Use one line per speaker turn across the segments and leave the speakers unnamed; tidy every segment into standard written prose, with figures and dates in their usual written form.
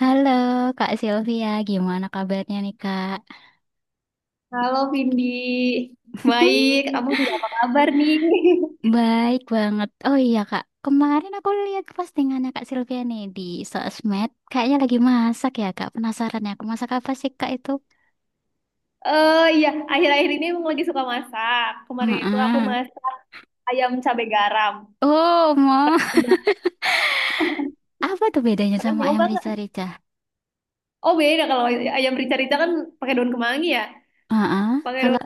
Halo Kak Sylvia, gimana kabarnya nih Kak?
Halo Vindi, baik. Kamu juga apa kabar nih?
Baik banget. Oh iya Kak, kemarin aku lihat postingannya Kak Sylvia nih di sosmed. Kayaknya lagi masak ya Kak, penasaran ya. Aku masak apa sih Kak itu?
Iya, akhir-akhir ini emang lagi suka masak. Kemarin itu aku
Heeh.
masak ayam cabai garam.
Oh, mau.
Nah,
Apa tuh bedanya
Pernah
sama ayam
nyoba nggak?
rica-rica?
Oh beda kalau ayam rica-rica kan pakai daun kemangi ya.
Heeh.
Pakai daun
Kalau...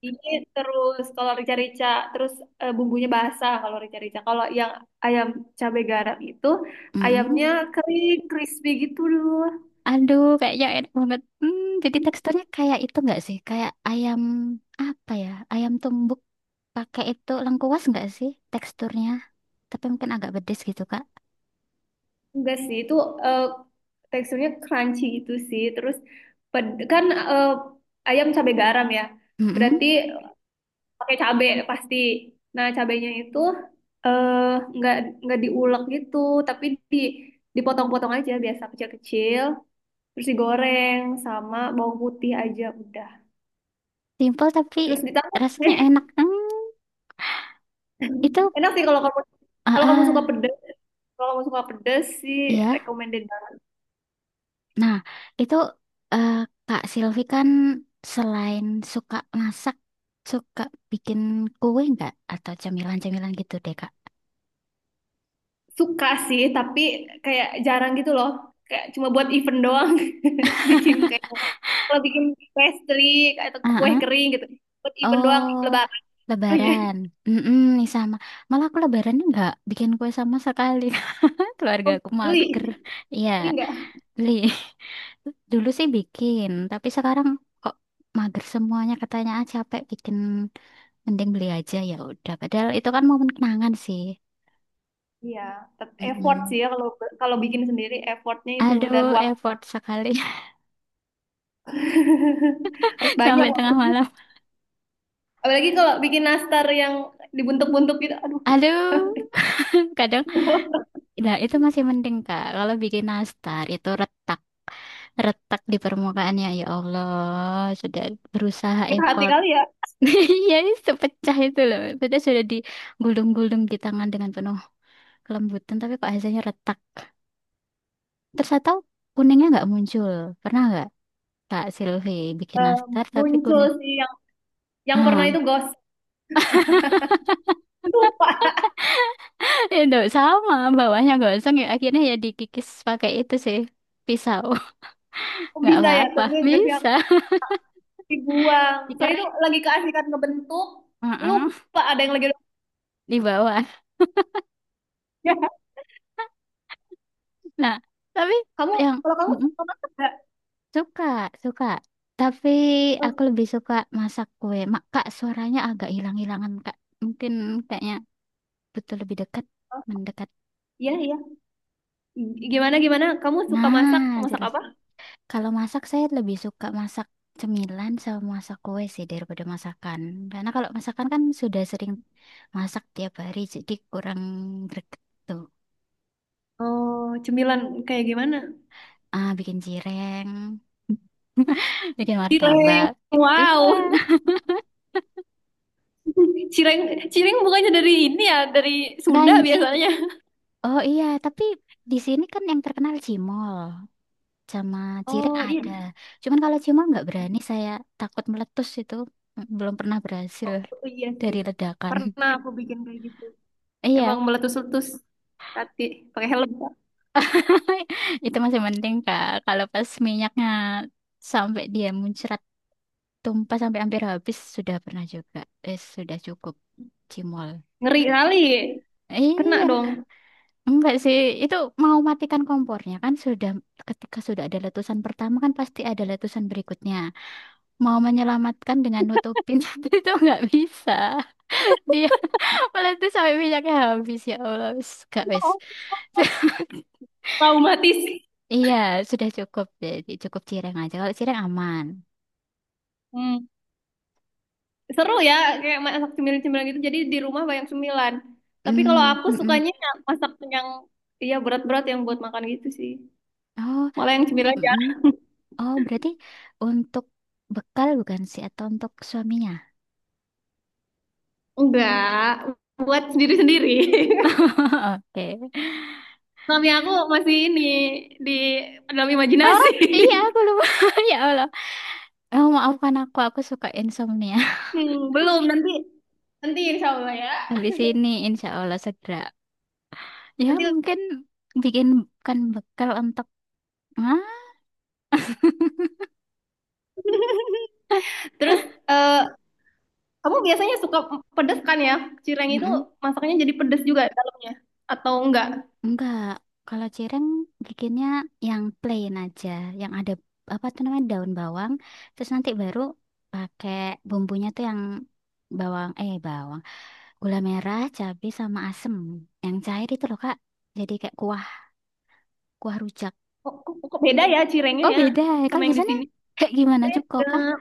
kemangi terus kalau rica-rica terus bumbunya basah kalau rica-rica. Kalau yang ayam cabai garam itu
Mm-mm.
ayamnya kering, crispy gitu loh.
Aduh, kayaknya enak banget. Hmm, jadi teksturnya kayak itu nggak sih? Kayak ayam apa ya? Ayam tumbuk pakai itu lengkuas nggak sih teksturnya? Tapi mungkin agak pedes gitu, Kak.
Enggak sih, eh, teksturnya crunchy gitu sih. Terus kan eh, ayam cabai garam ya. Berarti
Mm.
pakai cabai pasti. Nah, cabainya itu eh enggak enggak diulek gitu, tapi di dipotong-potong aja biasa kecil-kecil, terus digoreng sama bawang putih aja udah.
Simple tapi
Terus ditambah
rasanya
deh.
enak. Hmm, itu,
Enak sih
ah,
kalau kamu suka
ah,
pedes, kalau kamu suka pedes sih
iya.
recommended banget.
Nah, itu eh, Kak Silvi kan selain suka masak, suka bikin kue nggak? Atau camilan-camilan gitu deh, Kak.
Suka sih, tapi kayak jarang gitu loh. Kayak cuma buat event doang. Bikin kayak kalau bikin pastry atau
Ah,
kue
ah.
kering gitu. Buat event doang
Oh,
lebaran. Oh iya.
Lebaran. Mm-mm, nih sama. Malah aku Lebarannya nggak bikin kue sama sekali. Keluarga
Oh,
aku
beli.
mager. Iya,
Beli nggak?
beli. Dulu sih bikin, tapi sekarang kok mager semuanya. Katanya capek bikin, mending beli aja ya udah. Padahal itu kan momen kenangan sih.
Iya, effort
Mm-mm.
sih ya kalau kalau bikin sendiri effortnya itu dan
Aduh,
waktu
effort sekali
harus banyak
sampai tengah
waktunya.
malam.
Apalagi kalau bikin nastar yang dibentuk-bentuk gitu, aduh,
Aduh, kadang, nah itu masih mending Kak. Kalau bikin nastar itu retak. Retak di permukaannya, ya, ya Allah, sudah berusaha
kita hati
effort.
kali ya.
Ya, sepecah itu loh, sudah digulung-gulung di tangan dengan penuh kelembutan, tapi kok hasilnya retak terus atau kuningnya nggak muncul? Pernah nggak Kak Silvi bikin
Eh,
nastar tapi
muncul
kuning
sih yang pernah
ah
itu gosip lupa
itu sama bawahnya gosong, ya akhirnya ya dikikis pakai itu sih, pisau.
Kok
Nggak
bisa ya
apa-apa,
tapi nggak sih
bisa
dibuang. Soalnya itu
dikerik.
lagi keasikan ngebentuk,
Heeh,
lupa ada yang lagi
di bawah. Nah, tapi
Kamu,
yang...
kalau kamu suka masak nggak?
Suka, suka. Tapi
Oh,
aku lebih suka masak kue. Kak, suaranya agak hilang-hilangan, Kak. Mungkin kayaknya butuh lebih dekat,
oh.
mendekat.
Iya, iya. Gimana? Kamu suka masak,
Nah,
masak
jelas.
apa?
Kalau masak, saya lebih suka masak cemilan sama masak kue sih daripada masakan. Karena kalau masakan kan sudah sering masak tiap hari, jadi kurang greget tuh.
Oh, cemilan kayak gimana?
Ah, bikin cireng, bikin martabak.
Cireng,
Iya,
wow. Cireng, cireng bukannya dari ini ya, dari Sunda
kanji.
biasanya.
Oh iya, tapi di sini kan yang terkenal cimol. Sama cireng
Oh, iya.
ada. Cuman kalau cimol nggak berani, saya takut meletus itu. Belum pernah berhasil
Oh, iya sih.
dari ledakan.
Pernah aku bikin kayak gitu. Emang
Iya,
meletus-letus. Tati, pakai helm.
itu masih penting Kak. Kalau pas minyaknya sampai dia muncrat tumpah sampai hampir habis sudah pernah juga. Eh, sudah cukup cimol.
Ngeri kali. Kena
Iya,
dong.
enggak sih. Itu mau matikan kompornya kan, sudah ketika sudah ada letusan pertama kan, pasti ada letusan berikutnya. Mau menyelamatkan dengan nutupin itu enggak bisa. Dia malah tuh sampai minyaknya habis, ya Allah. Wis, gak wis.
Traumatis.
Iya, sudah cukup jadi cukup cireng aja. Kalau cireng aman.
Hmm. Seru ya, kayak masak cemilan-cemilan gitu. Jadi di rumah banyak cemilan. Tapi kalau
Hmm,
aku
mm-mm.
sukanya yang masak yang iya berat-berat yang buat makan gitu sih.
Oh,
Malah yang cemilan
mm-mm.
jarang.
Oh, berarti untuk bekal bukan sih atau untuk suaminya?
Enggak, buat sendiri-sendiri.
Oke.
Suami aku masih ini di dalam
Oh,
imajinasi.
iya aku lupa. Ya Allah. Oh, maafkan aku suka insomnia.
Hmm, belum nanti nanti insya Allah ya.
Habis ini insya Allah segera. Ya,
Nanti
mungkin bikin bukan bekal untuk ah,
terus eh, kamu biasanya suka pedes kan ya? Cireng itu masaknya jadi pedes juga dalamnya atau enggak?
Enggak, kalau cireng bikinnya yang plain aja, yang ada apa tuh namanya daun bawang, terus nanti baru pakai bumbunya tuh yang bawang, gula merah, cabai sama asem. Yang cair itu loh, Kak. Jadi kayak kuah, kuah rujak.
Kok beda ya cirengnya
Oh,
ya
beda, ya.
sama
Kalau di
yang di
sana
sini?
kayak gimana cuko kah?
Nah,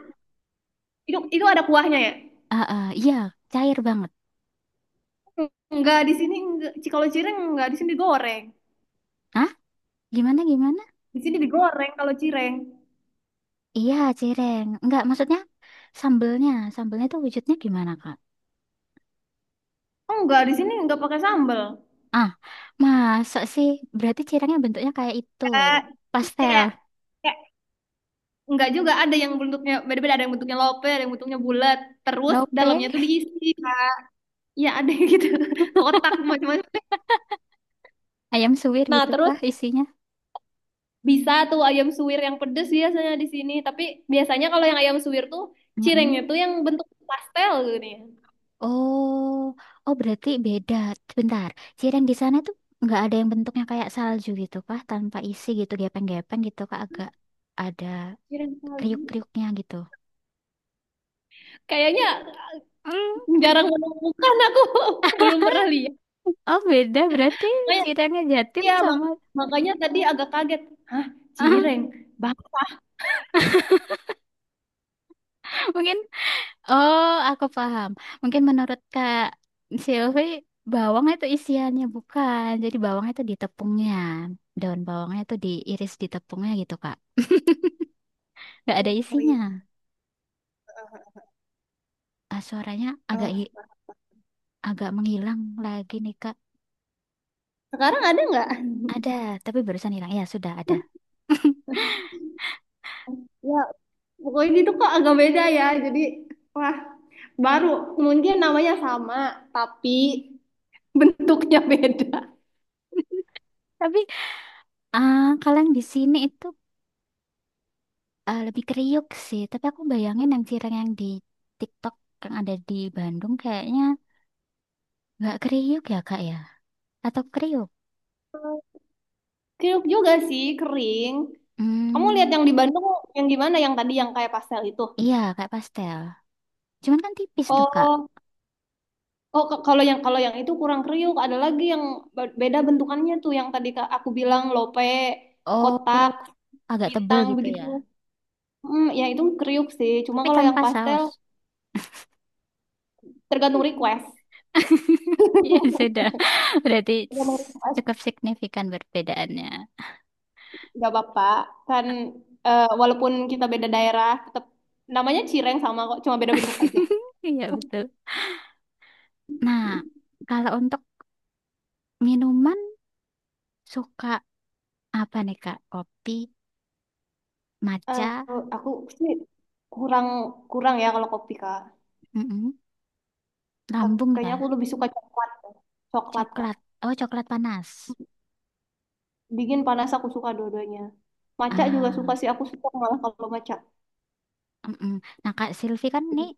itu ada kuahnya ya?
Ah, ah, iya, cair banget.
Enggak di sini enggak. Kalau cireng enggak di sini digoreng.
Hah? Gimana gimana?
Di sini digoreng kalau cireng.
Iya, cireng. Enggak, maksudnya sambelnya, sambelnya tuh wujudnya gimana, Kak?
Oh enggak di sini enggak pakai sambal.
Ah, masa sih? Berarti cirengnya bentuknya kayak itu.
Kayak
Pastel,
kayak kayak enggak juga ada yang bentuknya beda-beda, ada yang bentuknya lope, ada yang bentuknya bulat. Terus
lope,
dalamnya tuh diisi. Ya ada yang gitu. Kotak macam-macam.
ayam suwir
Nah,
gitu
terus
kah isinya?
Bisa tuh ayam suwir yang pedes biasanya di sini. Tapi biasanya kalau yang ayam suwir tuh
Mm-mm.
cirengnya tuh yang bentuk pastel gitu nih.
Oh, oh berarti beda. Bentar, cireng di sana tuh nggak ada yang bentuknya kayak salju gitu kah? Tanpa isi gitu, gepeng-gepeng gitu kah? Agak ada
Cireng salju.
kriuk-kriuknya gitu.
Kayaknya
Hmm.
jarang menemukan aku. Belum pernah lihat.
Oh beda berarti
Makanya,
cirengnya Jatim
ya
sama...
mak- makanya tadi agak kaget. Hah, cireng? Bah,
mungkin oh, aku paham. Mungkin menurut Kak Silvi, bawang itu isiannya bukan. Jadi bawang itu di tepungnya. Daun bawangnya itu diiris di tepungnya gitu, Kak. Nggak ada
Oh iya.
isinya. Ah, suaranya agak
Oh.
hi- agak menghilang lagi nih, Kak.
Sekarang ada nggak?
Ada, tapi barusan hilang. Ya, sudah ada.
Ya, pokoknya itu kok agak beda ya. Jadi, wah, baru mungkin namanya sama, tapi bentuknya beda.
Tapi kalau yang di sini itu lebih kriuk sih. Tapi aku bayangin yang cireng yang di TikTok yang ada di Bandung kayaknya nggak kriuk ya, Kak ya? Atau kriuk?
Kriuk juga sih, kering. Kamu lihat
Hmm.
yang di Bandung yang tadi yang kayak pastel itu?
Iya, kayak pastel. Cuman kan tipis tuh, Kak.
Oh, kalau yang itu kurang kriuk, ada lagi yang beda bentukannya tuh yang tadi aku bilang lope, kotak,
Oh, agak tebel
bintang
gitu
begitu.
ya.
Hmm, ya itu kriuk sih. Cuma
Tapi
kalau yang
tanpa
pastel
saus.
tergantung request.
Iya, sudah. Berarti
Tergantung request,
cukup signifikan perbedaannya.
nggak apa-apa. Kan walaupun kita beda daerah, tetap namanya cireng sama kok, cuma beda bentuk aja.
Iya, betul. Nah, kalau untuk minuman suka apa nih, Kak? Kopi,
Eh,
matcha,
aku sih kurang kurang ya kalau kopi kak.
mm
Tapi
lambung ya,
kayaknya aku lebih suka coklat, Kak. Coklat kak.
coklat. Oh, coklat panas.
Bikin panas aku suka dua-duanya. Maca juga suka
Ah.
sih, aku suka malah kalau maca.
Mm-mm. Nah, Kak Silvi kan
Jadi
nih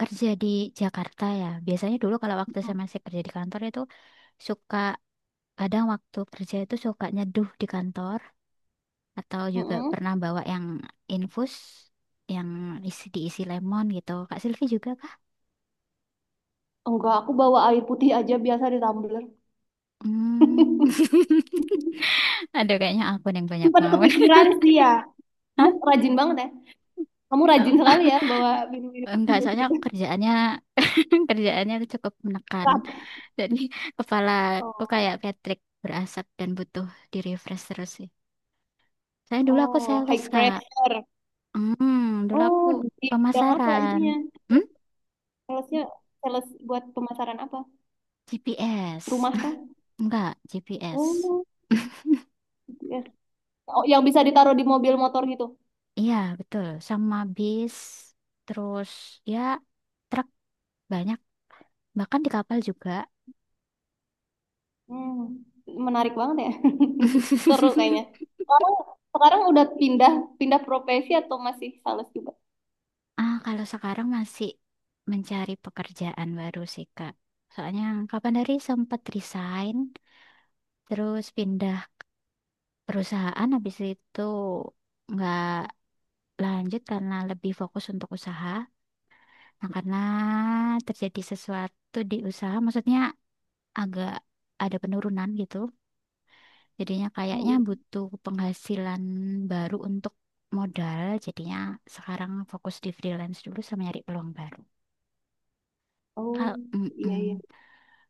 kerja di Jakarta ya. Biasanya dulu kalau waktu saya masih kerja di kantor itu suka kadang waktu kerja itu suka nyeduh di kantor atau juga
mm-mm.
pernah bawa yang infus yang diisi lemon gitu. Kak Silvi juga kah?
Enggak, aku bawa air putih aja biasa di tumbler.
Hmm. Ada kayaknya aku yang banyak
Sempat
mawon.
kepikiran sih ya. Kamu
Hah?
rajin banget ya. Kamu rajin sekali ya bawa minum-minum
Eh, enggak, soalnya kerjaannya kerjaannya cukup menekan.
keras.
Jadi kepala aku kayak
Oh,
Patrick berasap dan butuh di refresh terus. Saya dulu, aku
oh,
sales,
high
Kak.
pressure.
Hmm, dulu aku
Oh, di bidang apa
pemasaran.
itunya?
Hmm?
Salesnya, sales buat pemasaran apa?
GPS.
Rumah kah?
Enggak, GPS.
Oh, GPS. Oh, yang bisa ditaruh di mobil motor gitu.
Iya, betul. Sama bis, terus ya truk banyak, bahkan di kapal juga.
Hmm, menarik banget ya. Seru kayaknya. Sekarang, sekarang udah pindah pindah profesi atau masih sales juga?
Ah, kalau sekarang masih mencari pekerjaan baru sih, Kak. Soalnya kapan dari sempat resign, terus pindah perusahaan, habis itu nggak lanjut karena lebih fokus untuk usaha. Nah, karena terjadi sesuatu di usaha, maksudnya agak ada penurunan gitu. Jadinya kayaknya
Oh, iya.
butuh penghasilan baru untuk modal. Jadinya sekarang fokus di freelance dulu sama nyari peluang baru.
Oh,
Kalau
iya iya.
mm-mm.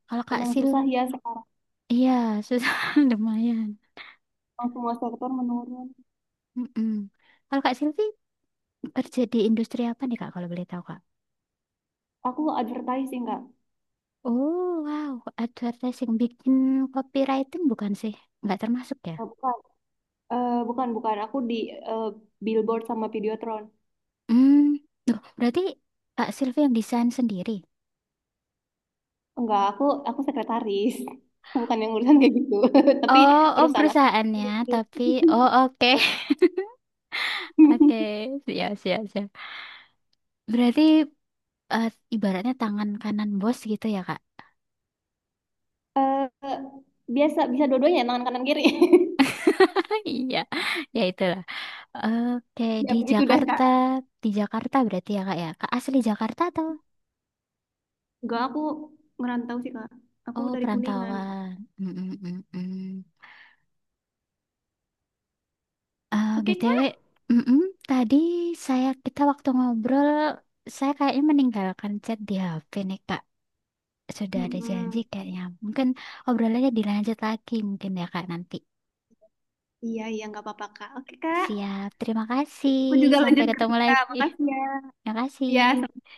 Kalau Kak
Memang
Sil,
susah ya sekarang.
iya susah lumayan.
Memang semua sektor menurun.
Mm-mm. Kalau Kak Silvi kerja di industri apa nih Kak kalau boleh tahu Kak?
Aku advertising nggak
Oh wow, advertising bikin copywriting bukan sih? Nggak termasuk ya?
Oh, bukan. Eh, bukan bukan. Aku di eh, billboard sama Videotron.
Hmm. Duh, berarti Pak Silvi yang desain sendiri.
Enggak, aku sekretaris. Bukan yang urusan kayak gitu. Tapi
Oh, oh
perusahaan aku.
perusahaannya, tapi oh oke. Oke, siap, siap, siap. Berarti eh, ibaratnya tangan kanan bos gitu ya, Kak?
Eh, biasa bisa dua-duanya tangan kanan kiri.
Iya, ya itulah. Oke,
Ya
di
begitu deh Kak.
Jakarta, di Jakarta berarti ya? Kak asli Jakarta atau?
Enggak, aku ngerantau sih Kak. Aku
Oh,
dari Kuningan.
perantauan. Mm -mm, mm, mm. Eh,
Oke
BTW,
Kak.
mm, mm, tadi kita waktu ngobrol, saya kayaknya meninggalkan chat di HP nih, Kak. Sudah ada janji
Mm-mm.
kayaknya. Mungkin obrolannya dilanjut lagi mungkin ya Kak nanti.
Iya iya nggak apa-apa Kak. Oke Kak,
Siap, terima kasih.
aku juga
Sampai
lanjut
ketemu
kerja.
lagi.
Makasih ya.
Terima
Ya.
kasih.